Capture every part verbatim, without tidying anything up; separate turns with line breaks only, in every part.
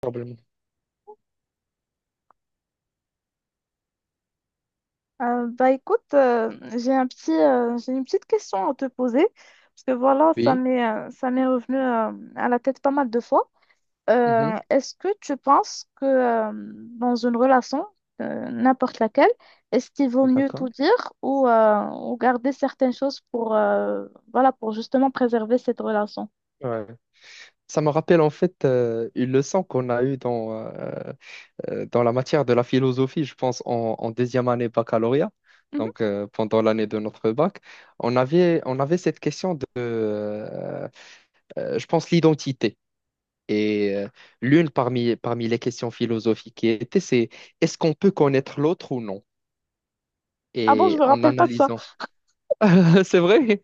Probablement.
Euh, bah écoute, euh, j'ai un petit, euh, j'ai une petite question à te poser, parce que voilà, ça
Oui.
m'est, euh, ça m'est revenu euh, à la tête pas mal de fois.
Mhm.
Euh, est-ce que tu penses que euh, dans une relation, euh, n'importe laquelle, est-ce qu'il vaut mieux tout
D'accord.
dire ou, euh, ou garder certaines choses pour, euh, voilà, pour justement préserver cette relation?
Ouais. Ça me rappelle en fait euh, une leçon qu'on a eue dans, euh, euh, dans la matière de la philosophie, je pense, en, en deuxième année baccalauréat,
Mhm.
donc euh, pendant l'année de notre bac. On avait, on avait cette question de, euh, euh, je pense, l'identité. Et euh, l'une parmi, parmi les questions philosophiques qui était, c'est est-ce qu'on peut connaître l'autre ou non?
Ah bon, je
Et
me
en
rappelle pas de ça.
analysant. C'est vrai?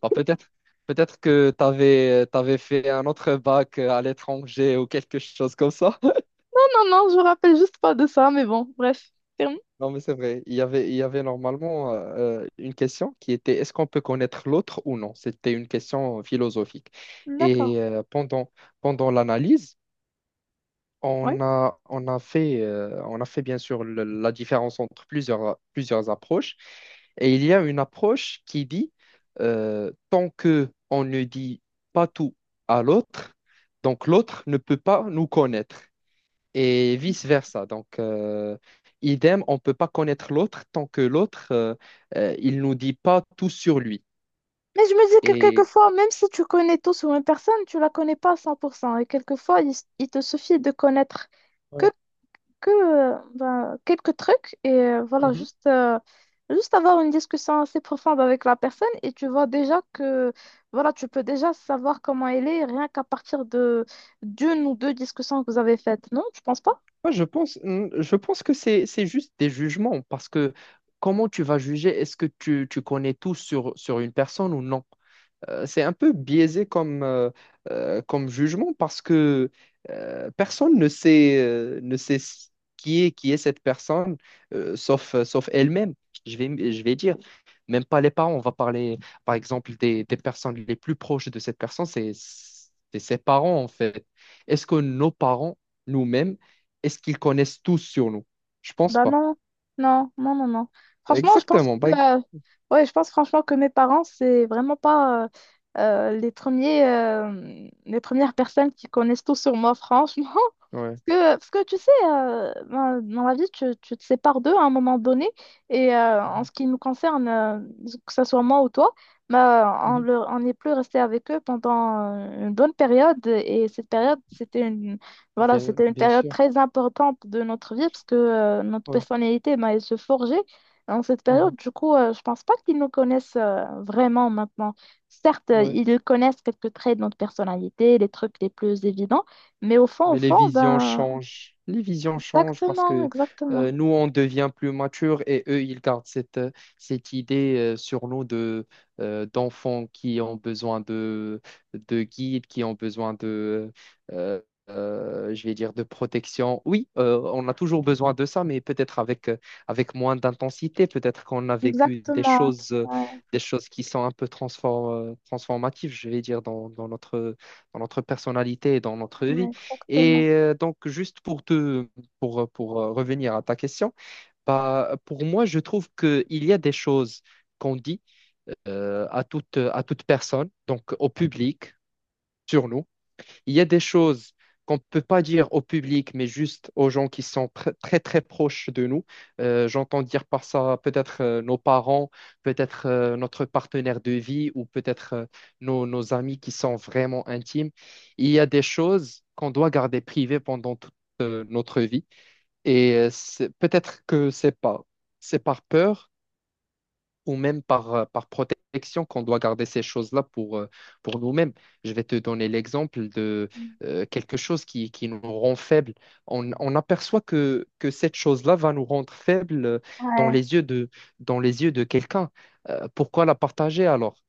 Bah, peut-être, peut-être que tu avais fait un autre bac euh, à l'étranger ou quelque chose comme ça.
Non, non, je me rappelle juste pas de ça, mais bon, bref. Ferme.
Non, mais c'est vrai. Il y avait, il y avait normalement euh, une question qui était est-ce qu'on peut connaître l'autre ou non? C'était une question philosophique.
D'accord.
Et euh, pendant, pendant l'analyse,
Ouais.
On a, on a fait, euh, on a fait bien sûr le- la différence entre plusieurs, plusieurs approches. Et il y a une approche qui dit, euh, tant que on ne dit pas tout à l'autre, donc l'autre ne peut pas nous connaître et vice-versa. Donc, euh, idem, on ne peut pas connaître l'autre tant que l'autre, euh, euh, il nous dit pas tout sur lui.
Mais je me dis que
Et
quelquefois, même si tu connais tout sur une personne, tu la connais pas à cent pour cent. Et quelquefois, il, s- il te suffit de connaître que, que euh, ben, quelques trucs et euh, voilà,
ouais.
juste, euh, juste avoir une discussion assez profonde avec la personne et tu vois déjà que voilà, tu peux déjà savoir comment elle est rien qu'à partir de d'une ou deux discussions que vous avez faites. Non, tu penses pas?
Moi, je pense, hmm, je pense que c'est, c'est juste des jugements parce que comment tu vas juger, est-ce que tu, tu connais tout sur, sur une personne ou non? Euh, c'est un peu biaisé comme, euh, euh, comme jugement parce que euh, personne ne sait, euh, ne sait ce qui est, qui est cette personne, euh, sauf, euh, sauf elle-même, je vais, je vais dire. Même pas les parents, on va parler, par exemple, des, des personnes les plus proches de cette personne, c'est c'est ses parents, en fait. Est-ce que nos parents, nous-mêmes, est-ce qu'ils connaissent tout sur nous? Je pense
Bah
pas.
non, non, non, non, non. Franchement, je pense
Exactement. bah, ex-
que, euh, ouais, je pense franchement que mes parents, c'est vraiment pas euh, euh, les premiers, euh, les premières personnes qui connaissent tout sur moi, franchement.
Ouais.
Parce que, parce que tu sais, euh, ben, dans la vie, tu, tu te sépares d'eux à un moment donné. Et euh, en
Mhm.
ce qui nous concerne, euh, que ce soit moi ou toi, bah, on
Mhm.
leur- on n'est plus resté avec eux pendant euh, une bonne période. Et cette période, c'était voilà,
Bien,
c'était une
bien
période
sûr.
très importante de notre vie parce que euh, notre
Ouais.
personnalité, ben, elle se forgeait en cette période.
Mhm.
Du coup, euh, je pense pas qu'ils nous connaissent euh, vraiment maintenant. Certes, euh,
Ouais.
ils connaissent quelques traits de notre personnalité, les trucs les plus évidents, mais au fond, au
Mais les
fond,
visions
ben,
changent. Les visions changent parce
exactement,
que
exactement,
euh, nous, on devient plus mature et eux, ils gardent cette, euh, cette idée euh, sur nous de, euh, d'enfants qui ont besoin de, de guides, qui ont besoin de, euh, euh, je vais dire, de protection. Oui, euh, on a toujours besoin de ça, mais peut-être avec, euh, avec moins d'intensité. Peut-être qu'on a vécu des
exactement.
choses, euh,
Ouais,
des choses qui sont un peu transfor- euh, transformatives, je vais dire, dans, dans notre, dans notre personnalité et dans notre vie.
ouais, exactement.
Et euh, donc, juste pour te, pour, euh, pour euh, revenir à ta question, bah, pour moi, je trouve qu'il y a des choses qu'on dit euh, à toute, à toute personne, donc au public, sur nous il y a des choses qu'on ne peut pas dire au public, mais juste aux gens qui sont pr- très, très proches de nous. Euh, j'entends dire par ça peut-être euh, nos parents, peut-être euh, notre partenaire de vie ou peut-être euh, nos, nos amis qui sont vraiment intimes. Il y a des choses qu'on doit garder privées pendant toute euh, notre vie. Et euh, c'est- peut-être que c'est pas, c'est par peur ou même par, euh, par protection qu'on doit garder ces choses-là pour, euh, pour nous-mêmes. Je vais te donner l'exemple de euh, quelque chose qui, qui nous rend faibles. On, on aperçoit que, que cette chose-là va nous rendre faibles euh, dans
Ouais.
les yeux de, dans les yeux de quelqu'un. Euh, pourquoi la partager alors?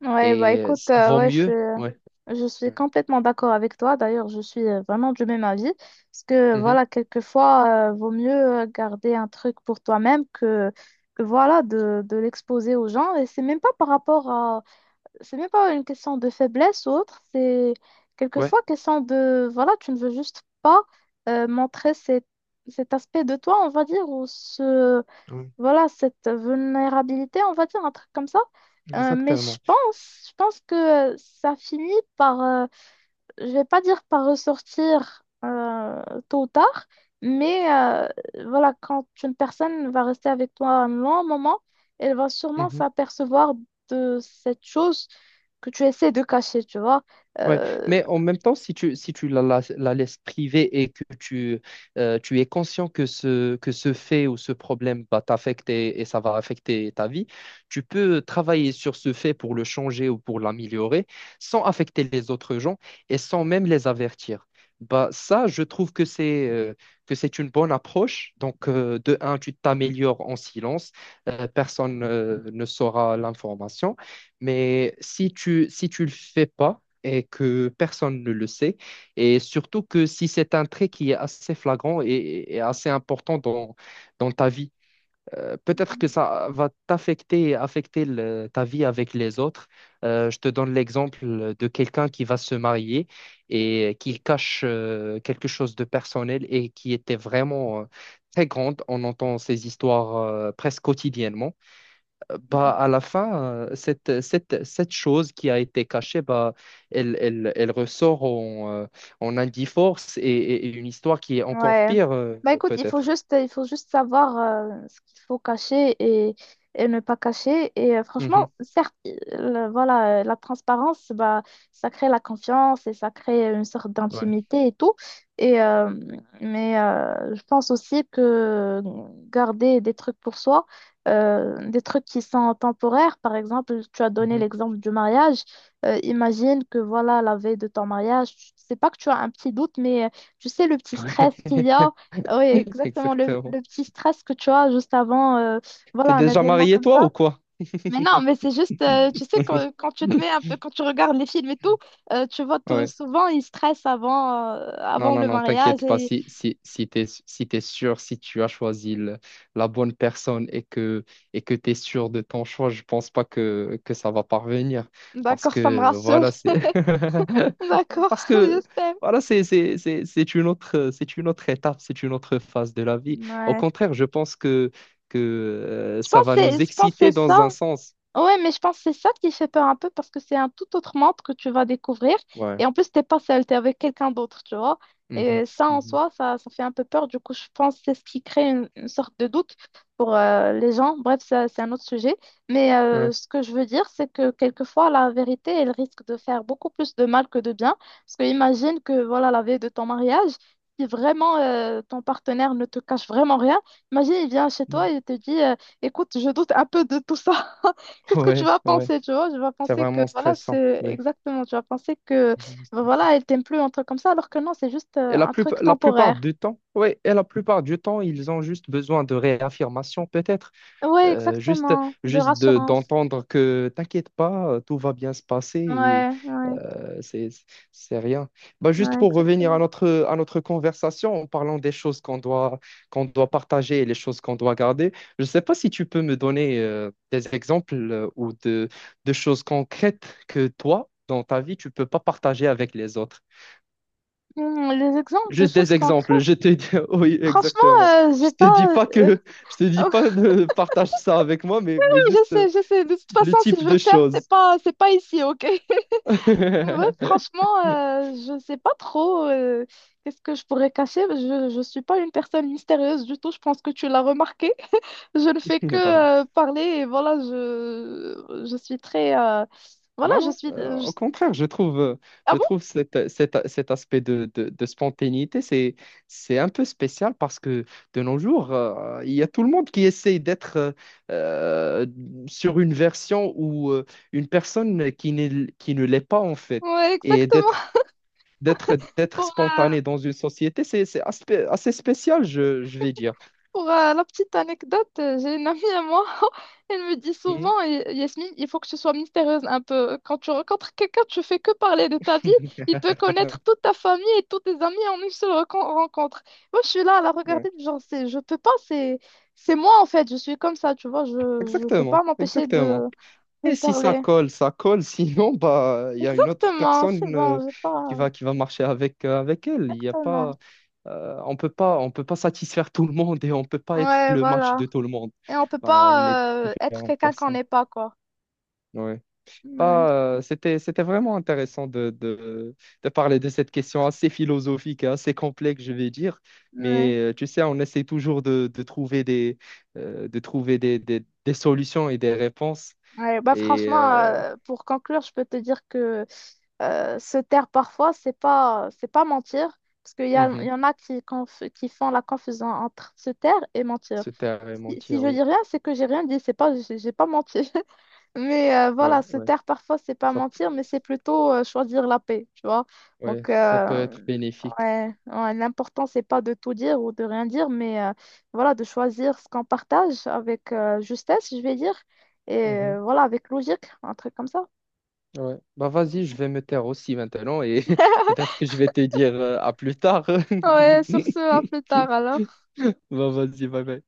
Ouais, bah
Et euh,
écoute, euh,
vaut
ouais,
mieux.
je,
Ouais.
je suis
Ouais.
complètement d'accord avec toi. D'ailleurs, je suis euh, vraiment du même avis. Parce que
Mhm.
voilà, quelquefois, euh, vaut mieux euh, garder un truc pour toi-même que, que voilà, de, de l'exposer aux gens. Et c'est même pas par rapport à. C'est même pas une question de faiblesse ou autre. C'est
Ouais.
quelquefois question de. Voilà, tu ne veux juste pas euh, montrer cet, cet aspect de toi, on va dire, ou ce
Oui.
voilà, cette vulnérabilité, on va dire un truc comme ça. Euh, mais je
Exactement.
pense, je pense que euh, ça finit par, euh, je vais pas dire par ressortir euh, tôt ou tard, mais euh, voilà, quand une personne va rester avec toi un long moment, elle va sûrement
Mhm.
s'apercevoir de cette chose que tu essaies de cacher, tu vois.
Ouais,
Euh,
mais en même temps, si tu, si tu la, la- la laisses privée et que tu, euh, tu es conscient que ce, que ce fait ou ce problème va t'affecter et ça va affecter ta vie, tu peux travailler sur ce fait pour le changer ou pour l'améliorer sans affecter les autres gens et sans même les avertir. Bah, ça, je trouve que c'est euh, que c'est une bonne approche. Donc, euh, de un, tu t'améliores en silence, euh, personne euh, ne saura l'information. Mais si tu, si tu le fais pas, et que personne ne le sait. Et surtout que si c'est un trait qui est assez flagrant et, et assez important dans, dans ta vie, euh, peut-être que ça va t'affecter, et affecter le- ta vie avec les autres. Euh, je te donne l'exemple de quelqu'un qui va se marier et qui cache euh, quelque chose de personnel et qui était vraiment euh, très grande. On entend ces histoires euh, presque quotidiennement. Bah, à la fin, euh, cette, cette, cette chose qui a été cachée, bah, elle, elle, elle ressort en, euh, en Indiforce et, et- et une histoire qui est encore
Ouais.
pire, euh,
Bah écoute, il faut
peut-être.
juste, il faut juste savoir euh, ce qu'il faut cacher et, et ne pas cacher. Et euh, franchement,
Mhm.
certes, il- le- voilà, euh, la transparence, bah, ça crée la confiance et ça crée une sorte
Ouais.
d'intimité et tout. Et, euh, mais euh, je pense aussi que garder des trucs pour soi, euh, des trucs qui sont temporaires, par exemple, tu as donné
Mhm.
l'exemple du mariage. Euh, imagine que voilà, la veille de ton mariage, tu sais pas que tu as un petit doute, mais tu sais, le petit
Ouais.
stress qu'il y a, oui, exactement, le,
Exactement.
le petit stress que tu as juste avant, euh,
T'es
voilà, un
déjà
événement
marié,
comme
toi,
ça.
ou quoi?
Mais non, mais c'est juste, euh, tu sais, quand, quand tu te mets un peu, quand tu regardes les films et tout, euh, tu vois tout-
Ouais.
souvent, ils stressent avant, euh,
Non,
avant
non,
le
non,
mariage.
t'inquiète pas.
Et...
Si, si, si t'es, si t'es sûr, si tu as choisi le- la bonne personne et que, et que t'es sûr de ton choix, je pense pas que, que ça va parvenir. Parce
D'accord, ça me
que,
rassure.
voilà, c'est,
D'accord,
parce que,
j'espère.
voilà, c'est, c'est, c'est, c'est une autre, c'est une autre étape, c'est une autre phase de la vie. Au
Ouais.
contraire, je pense que, que, euh,
Je
ça
pense que
va
c'est
nous
je pense que
exciter
c'est ça.
dans un sens.
Ouais, mais je pense que c'est ça qui fait peur un peu parce que c'est un tout autre monde que tu vas découvrir.
Ouais.
Et en plus, t'es pas seul, t'es avec quelqu'un d'autre, tu vois.
Mhm,
Et ça, en
mhm.
soi, ça, ça fait un peu peur. Du coup, je pense que c'est ce qui crée une, une sorte de doute pour euh, les gens. Bref, ça, c'est un autre sujet. Mais
Ouais.
euh, ce que je veux dire, c'est que quelquefois, la vérité, elle risque de faire beaucoup plus de mal que de bien. Parce que imagine que, voilà, la veille de ton mariage, si vraiment euh, ton partenaire ne te cache vraiment rien, imagine, il vient chez toi
Mhm.
et il te dit, euh, écoute, je doute un peu de tout ça. qu'est-ce que tu
Ouais,
vas
ouais.
penser, tu vois? Je vais
C'est
penser que,
vraiment
voilà,
stressant.
c'est
Ouais.
exactement, tu vas penser que,
Vraiment stressant.
voilà, elle t'aime plus, un truc comme ça, alors que non, c'est juste
Et
euh,
la
un
plus-
truc
la plupart
temporaire.
du temps, ouais, et la plupart du temps, ils ont juste besoin de réaffirmation, peut-être.
Ouais,
Euh, juste,
exactement, de
Juste de-
rassurance.
d'entendre que t'inquiète pas, euh, tout va bien se passer et
Ouais, ouais,
euh, c'est, c'est rien. Bah, juste
ouais,
pour revenir à
exactement.
notre, à notre conversation, en parlant des choses qu'on doit, qu'on doit partager et les choses qu'on doit garder, je sais pas si tu peux me donner euh, des exemples euh, ou de, de choses concrètes que toi, dans ta vie, tu peux pas partager avec les autres.
Hmm, les exemples de
Juste
choses
des exemples.
concrètes,
Je te dis, oui,
franchement,
exactement.
euh, j'ai
Je te dis
pas...
pas que, je te dis
euh,
pas de partage ça avec moi, mais,
Oui,
mais
je
juste euh,
sais, je sais, de toute
le
façon, si je
type
veux le
de
faire, c'est
choses.
pas, c'est pas ici, ok? Ouais, franchement, euh, je sais pas trop euh, qu'est-ce que je pourrais cacher. Je, je suis pas une personne mystérieuse du tout, je pense que tu l'as remarqué. Je ne fais que
Non, pas-
euh, parler et voilà, je, je suis très... euh, voilà,
non,
je
non,
suis...
euh,
euh,
au
je-
contraire, je trouve, euh,
Ah
je
bon?
trouve cet, cet- cet aspect de, de- de spontanéité, c'est, c'est un peu spécial parce que de nos jours, euh, il y a tout le monde qui essaye d'être euh, euh, sur une version ou euh, une personne qui n'est, qui ne l'est pas en fait,
Ouais,
et
exactement.
d'être d'être d'être
Pour, euh,
spontané dans une société, c'est c'est aspe- assez spécial, je, je vais dire.
pour euh, la petite anecdote, euh, j'ai une amie à moi, elle me dit
Mhm.
souvent, Y- Yasmine, il faut que tu sois mystérieuse un peu. Quand tu rencontres quelqu'un, tu fais que parler de ta vie, il peut connaître toute ta famille et tous tes amis en une seule recon- rencontre. Moi, je suis là à la
Ouais.
regarder, genre, c'est, je peux pas, c'est, c'est moi en fait, je suis comme ça, tu vois, je, je peux pas
Exactement,
m'empêcher de,
exactement.
de
Et si ça
parler.
colle, ça colle. Sinon, bah, il y a une autre
Exactement, c'est
personne euh,
bon, j'ai
qui
pas...
va qui va marcher avec euh, avec elle. Il y a
Exactement.
pas, euh, on peut pas, on peut pas satisfaire tout le monde et on peut pas être
Ouais,
le match
voilà.
de tout le monde.
Et on peut
Bah, on est
pas euh, être
différentes
quelqu'un qu'on
personnes.
n'est pas, quoi.
Ouais.
Ouais,
Ah, euh, c'était, c'était vraiment intéressant de, de, de parler de cette question assez philosophique, et assez complexe, je vais dire.
ouais.
Mais euh, tu sais, on essaie toujours de, de trouver des, euh, de trouver des, des, des solutions et des réponses.
Ouais, bah
Et
franchement,
euh,
euh, pour conclure, je peux te dire que euh, se taire parfois, c'est pas, c'est pas mentir, parce qu'il y a, il
mhm,
y en a qui, conf- qui font la confusion entre se taire et mentir.
c'était à
Si, si
mentir,
je
oui.
dis rien, c'est que j'ai rien dit, c'est pas, j'ai j'ai pas menti. Mais euh,
Ouais,
voilà, se
ouais.
taire parfois, c'est pas
Ça,
mentir, mais c'est plutôt euh, choisir la paix, tu vois.
ouais,
Donc,
ça peut être
euh,
bénéfique.
Ouais, ouais, l'important, c'est pas de tout dire ou de rien dire, mais euh, voilà, de choisir ce qu'on partage avec euh, justesse, je vais dire, et
Mhm,
euh, voilà, avec logique, un truc comme ça.
ouais. Bah vas-y, je vais me taire aussi maintenant et peut-être que je vais te dire euh, à plus tard.
Ouais, sur ce, à plus tard alors.
Bah vas-y, bye bye.